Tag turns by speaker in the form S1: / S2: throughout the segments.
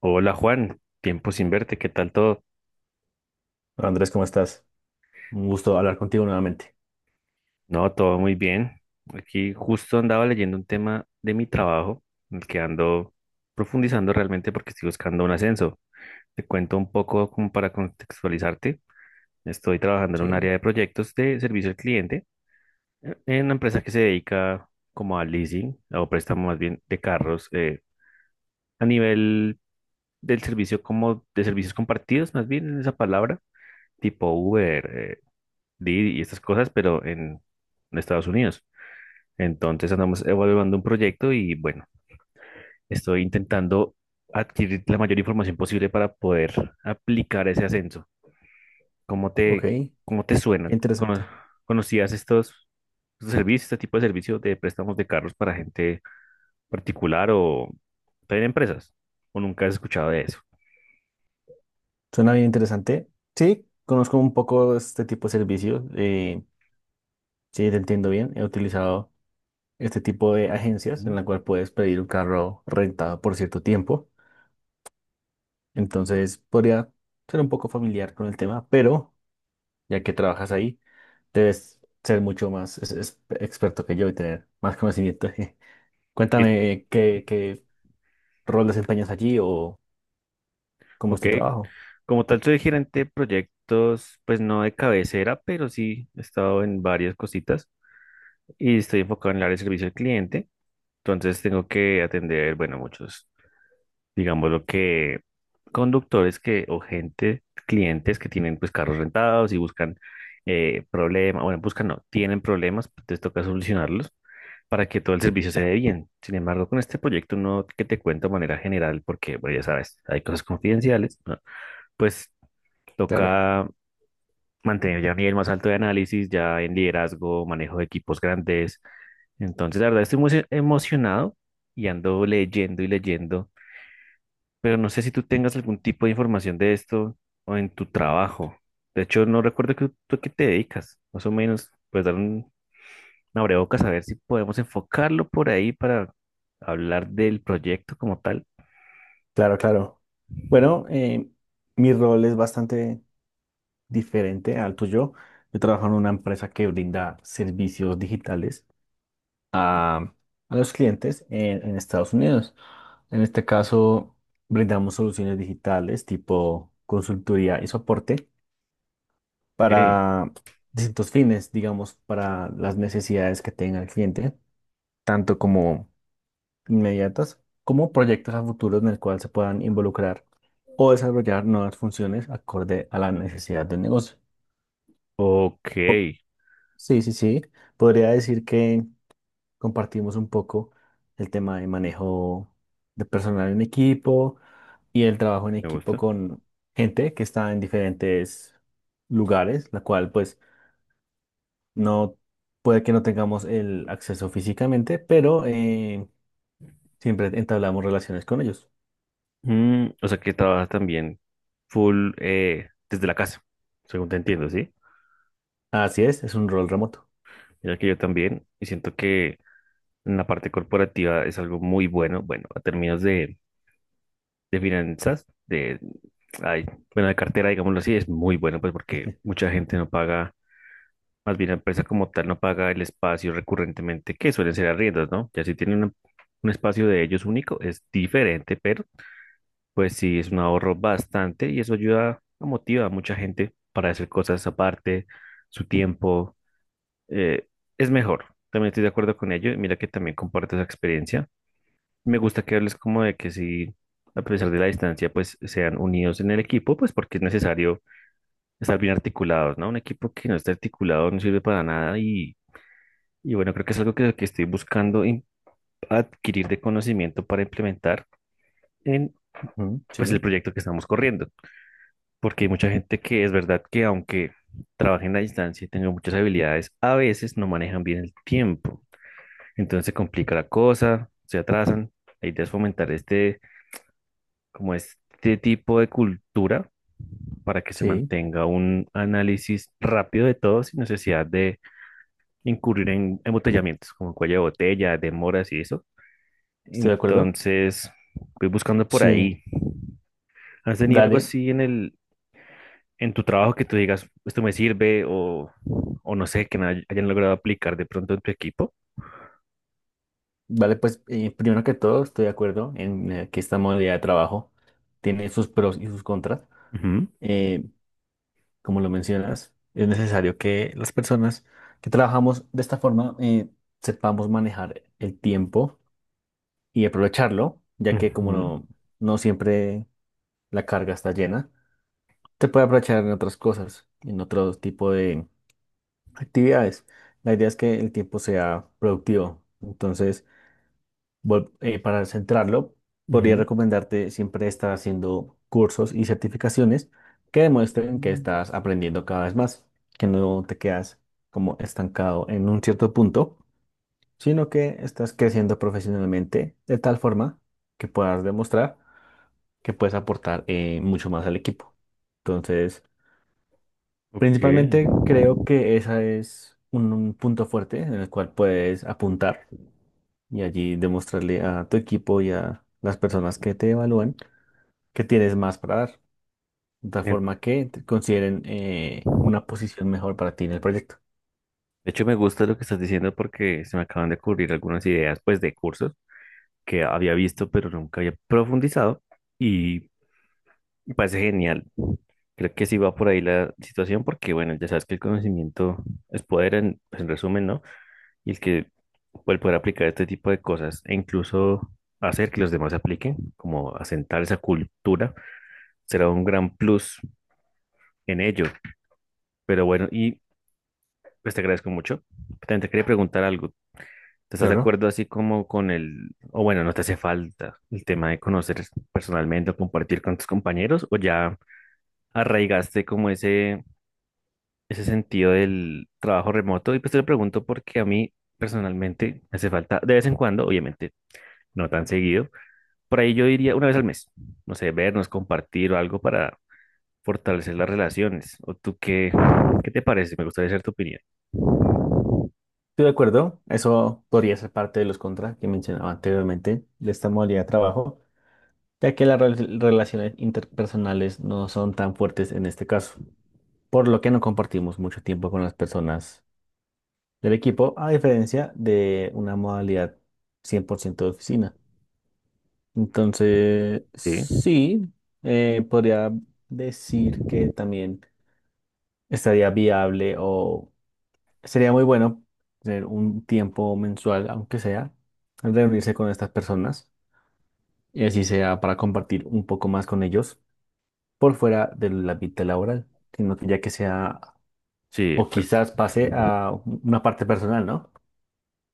S1: Hola Juan, tiempo sin verte, ¿qué tal todo?
S2: Hola, Andrés, ¿cómo estás? Un gusto hablar contigo nuevamente.
S1: No, todo muy bien. Aquí justo andaba leyendo un tema de mi trabajo, en el que ando profundizando realmente porque estoy buscando un ascenso. Te cuento un poco como para contextualizarte. Estoy trabajando en
S2: Sí,
S1: un área de proyectos de servicio al cliente, en una empresa que se dedica como al leasing o préstamo más bien de carros, a nivel del servicio como de servicios compartidos, más bien en esa palabra, tipo Uber, Didi y estas cosas, pero en Estados Unidos. Entonces andamos evaluando un proyecto y bueno, estoy intentando adquirir la mayor información posible para poder aplicar ese ascenso. ¿Cómo
S2: ok,
S1: te,
S2: qué
S1: ¿Cómo te suena?
S2: interesante.
S1: ¿Conocías estos servicios, este tipo de servicios de préstamos de carros para gente particular o también empresas? ¿O nunca has escuchado de eso?
S2: Suena bien interesante. Sí, conozco un poco este tipo de servicios. Sí, te entiendo bien. He utilizado este tipo de agencias en
S1: Ujú.
S2: la cual puedes pedir un carro rentado por cierto tiempo. Entonces, podría ser un poco familiar con el tema, pero ya que trabajas ahí, debes ser mucho más experto que yo y tener más conocimiento.
S1: Y-
S2: Cuéntame qué rol desempeñas allí o cómo es
S1: Ok.
S2: tu trabajo.
S1: Como tal, soy gerente de proyectos, pues no de cabecera, pero sí he estado en varias cositas y estoy enfocado en el área de servicio al cliente. Entonces tengo que atender, bueno, muchos, digamos lo que conductores que o gente, clientes que tienen pues carros rentados y buscan, problemas, bueno, buscan no, tienen problemas, pues, les toca solucionarlos para que todo el servicio se dé bien. Sin embargo, con este proyecto no que te cuento de manera general, porque bueno, ya sabes, hay cosas confidenciales, ¿no? Pues
S2: Claro,
S1: toca mantener ya un nivel más alto de análisis, ya en liderazgo, manejo de equipos grandes. Entonces, la verdad, estoy muy emocionado y ando leyendo y leyendo, pero no sé si tú tengas algún tipo de información de esto o en tu trabajo. De hecho, no recuerdo que, tú a qué te dedicas, más o menos, pues dar una abrebocas a ver si podemos enfocarlo por ahí para hablar del proyecto como tal.
S2: claro, claro. Bueno, mi rol es bastante diferente al tuyo. Yo
S1: Ujú.
S2: trabajo en una empresa que brinda servicios digitales a, a los clientes en Estados Unidos. En este caso, brindamos soluciones digitales tipo consultoría y soporte
S1: Ok,
S2: para distintos fines, digamos, para las necesidades que tenga el cliente, tanto como inmediatas como proyectos a futuro en el cual se puedan involucrar o desarrollar nuevas funciones acorde a la necesidad del negocio.
S1: ok,
S2: Sí, sí, sí. Podría decir que compartimos un poco el tema de manejo de personal en equipo y el trabajo en
S1: me
S2: equipo
S1: gusta.
S2: con gente que está en diferentes lugares, la cual pues no puede que no tengamos el acceso físicamente, pero siempre entablamos relaciones con ellos.
S1: Mm, o sea que trabajas también full, desde la casa, según te entiendo, ¿sí?
S2: Así es un rol remoto.
S1: Mira que yo también, y siento que en la parte corporativa es algo muy bueno, bueno, a términos de finanzas, de, ay, bueno, de cartera, digámoslo así, es muy bueno, pues porque mucha gente no paga, más bien la empresa como tal no paga el espacio recurrentemente, que suelen ser arriendos, ¿no? Ya si tienen un espacio de ellos único, es diferente, pero pues sí, es un ahorro bastante y eso ayuda, a motiva a mucha gente para hacer cosas aparte, su tiempo. eh, es mejor, también estoy de acuerdo con ello. Y mira que también comparto esa experiencia. Me gusta que hables como de que si, a pesar de la distancia, pues sean unidos en el equipo, pues porque es necesario estar bien articulados, ¿no? Un equipo que no esté articulado no sirve para nada y bueno, creo que es algo que estoy buscando adquirir de conocimiento para implementar en
S2: Ujú,
S1: pues el
S2: sí,
S1: proyecto que estamos corriendo. Porque hay mucha gente que es verdad que aunque trabajen a distancia y tengan muchas habilidades, a veces no manejan bien el tiempo. Entonces se complica la cosa, se atrasan. La idea es fomentar como este tipo de cultura para que se
S2: sí,
S1: mantenga un análisis rápido de todo sin necesidad de incurrir en embotellamientos, como cuello de botella, demoras y eso.
S2: estoy de acuerdo.
S1: Entonces, voy buscando por
S2: Sí,
S1: ahí. ¿Has tenido algo
S2: dale.
S1: así en en tu trabajo que tú digas, esto me sirve o no sé, que no hayan logrado aplicar de pronto en tu equipo?
S2: Vale, pues primero que todo estoy de acuerdo en que esta modalidad de trabajo tiene sus pros y sus contras.
S1: Ujú.
S2: Eh, Como lo mencionas, es necesario que las personas que trabajamos de esta forma sepamos manejar el tiempo y aprovecharlo, ya que como
S1: Ujú,
S2: no, no siempre la carga está llena, te puede aprovechar en otras cosas, en otro tipo de actividades. La idea es que el tiempo sea productivo. Entonces, bueno, para centrarlo, podría
S1: ujú.
S2: recomendarte siempre estar haciendo cursos y certificaciones que demuestren que
S1: Mm.
S2: estás aprendiendo cada vez más, que no te quedas como estancado en un cierto punto, sino que estás creciendo profesionalmente de tal forma que puedas demostrar que puedes aportar mucho más al equipo. Entonces,
S1: Ok.
S2: principalmente creo que ese es un punto fuerte en el cual puedes apuntar y allí demostrarle a tu equipo y a las personas que te evalúan que tienes más para dar, de tal
S1: De
S2: forma que te consideren una posición mejor para ti en el proyecto.
S1: hecho, me gusta lo que estás diciendo porque se me acaban de ocurrir algunas ideas, pues, de cursos que había visto, pero nunca había profundizado y me parece genial. Creo que sí va por ahí la situación porque, bueno, ya sabes que el conocimiento es poder en, pues, en resumen, ¿no? Y el poder aplicar este tipo de cosas e incluso hacer que los demás apliquen, como asentar esa cultura, será un gran plus en ello. Pero bueno, y pues te agradezco mucho. También te quería preguntar algo. ¿Te estás de
S2: Claro,
S1: acuerdo así como con el, o bueno, no te hace falta el tema de conocer personalmente o compartir con tus compañeros o ya arraigaste como ese sentido del trabajo remoto? Y pues te lo pregunto porque a mí personalmente me hace falta de vez en cuando, obviamente no tan seguido, por ahí yo diría una vez al mes, no sé, vernos, compartir o algo para fortalecer las relaciones. ¿O tú qué, qué te parece? Me gustaría saber tu opinión.
S2: estoy de acuerdo. Eso podría ser parte de los contras que mencionaba anteriormente de esta modalidad de trabajo, ya que las relaciones interpersonales no son tan fuertes en este caso, por lo que no compartimos mucho tiempo con las personas del equipo, a diferencia de una modalidad 100% de oficina. Entonces,
S1: Sí,
S2: sí, podría decir que también estaría viable o sería muy bueno tener un tiempo mensual, aunque sea, reunirse con estas personas y así sea para compartir un poco más con ellos por fuera de la vida laboral, sino que ya que sea
S1: sí, de
S2: o
S1: acuerdo.
S2: quizás pase a una parte personal, ¿no?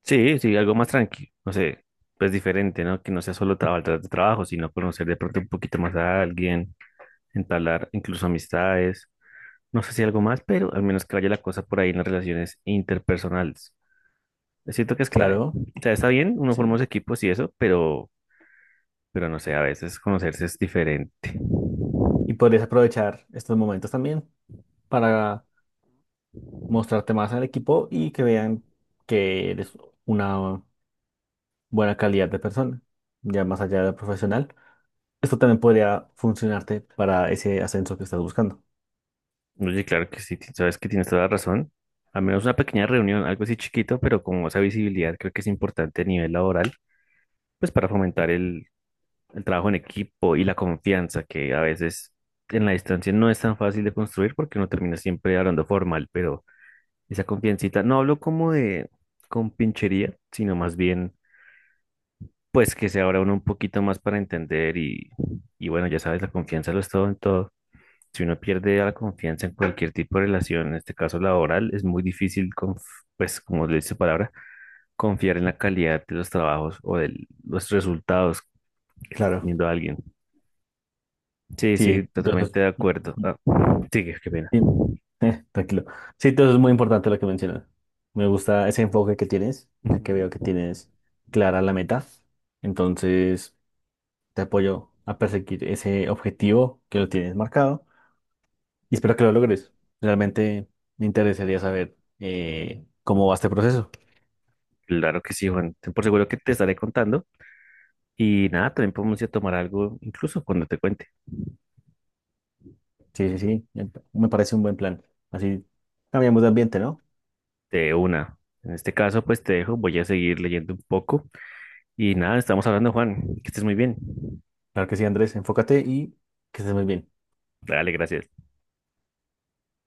S1: Sí, sí, algo más tranquilo, no sé, pues diferente, ¿no? Que no sea solo trabajar tras de trabajo, sino conocer de pronto un poquito más a alguien, entablar incluso amistades, no sé si algo más, pero al menos que vaya la cosa por ahí en las relaciones interpersonales. Siento que es clave.
S2: Claro,
S1: O sea, está bien, uno forma
S2: sí.
S1: los equipos y eso, pero no sé, a veces conocerse es diferente.
S2: Y podrías aprovechar estos momentos también para mostrarte más al equipo y que vean que eres una buena calidad de persona, ya más allá de profesional. Esto también podría funcionarte para ese ascenso que estás buscando.
S1: Oye, claro que sí, ti- sabes que tienes toda la razón. Al menos una pequeña reunión, algo así chiquito, pero con esa visibilidad creo que es importante a nivel laboral, pues para fomentar el trabajo en equipo y la confianza, que a veces en la distancia no es tan fácil de construir porque uno termina siempre hablando formal, pero esa confiancita, no hablo como de compinchería, sino más bien, pues que se abra uno un poquito más para entender y bueno, ya sabes, la confianza lo es todo en todo. Si uno pierde la confianza en cualquier tipo de relación, en este caso laboral, es muy difícil, pues como le dice su palabra, confiar en la calidad de los trabajos o de los resultados que está
S2: Claro,
S1: teniendo alguien. Sí, sí,
S2: sí, entonces,
S1: totalmente de acuerdo. Ah, sigue, qué pena.
S2: sí, tranquilo. Sí, entonces es muy importante lo que mencionas. Me gusta ese enfoque que tienes, ya que veo que
S1: Ujú.
S2: tienes clara la meta. Entonces, te apoyo a perseguir ese objetivo que lo tienes marcado y espero que lo logres. Realmente me interesaría saber cómo va este proceso.
S1: Claro que sí, Juan. Ten por seguro que te estaré contando. Y nada, también podemos ir a tomar algo, incluso cuando te cuente,
S2: Sí, sí, sí. Me parece un buen plan. Así cambiamos de ambiente, ¿no?
S1: de una. En este caso, pues te dejo, voy a seguir leyendo un poco. Y nada, estamos hablando, Juan. Que estés muy bien.
S2: Claro que sí, Andrés. Enfócate y que estés muy bien.
S1: Dale, gracias.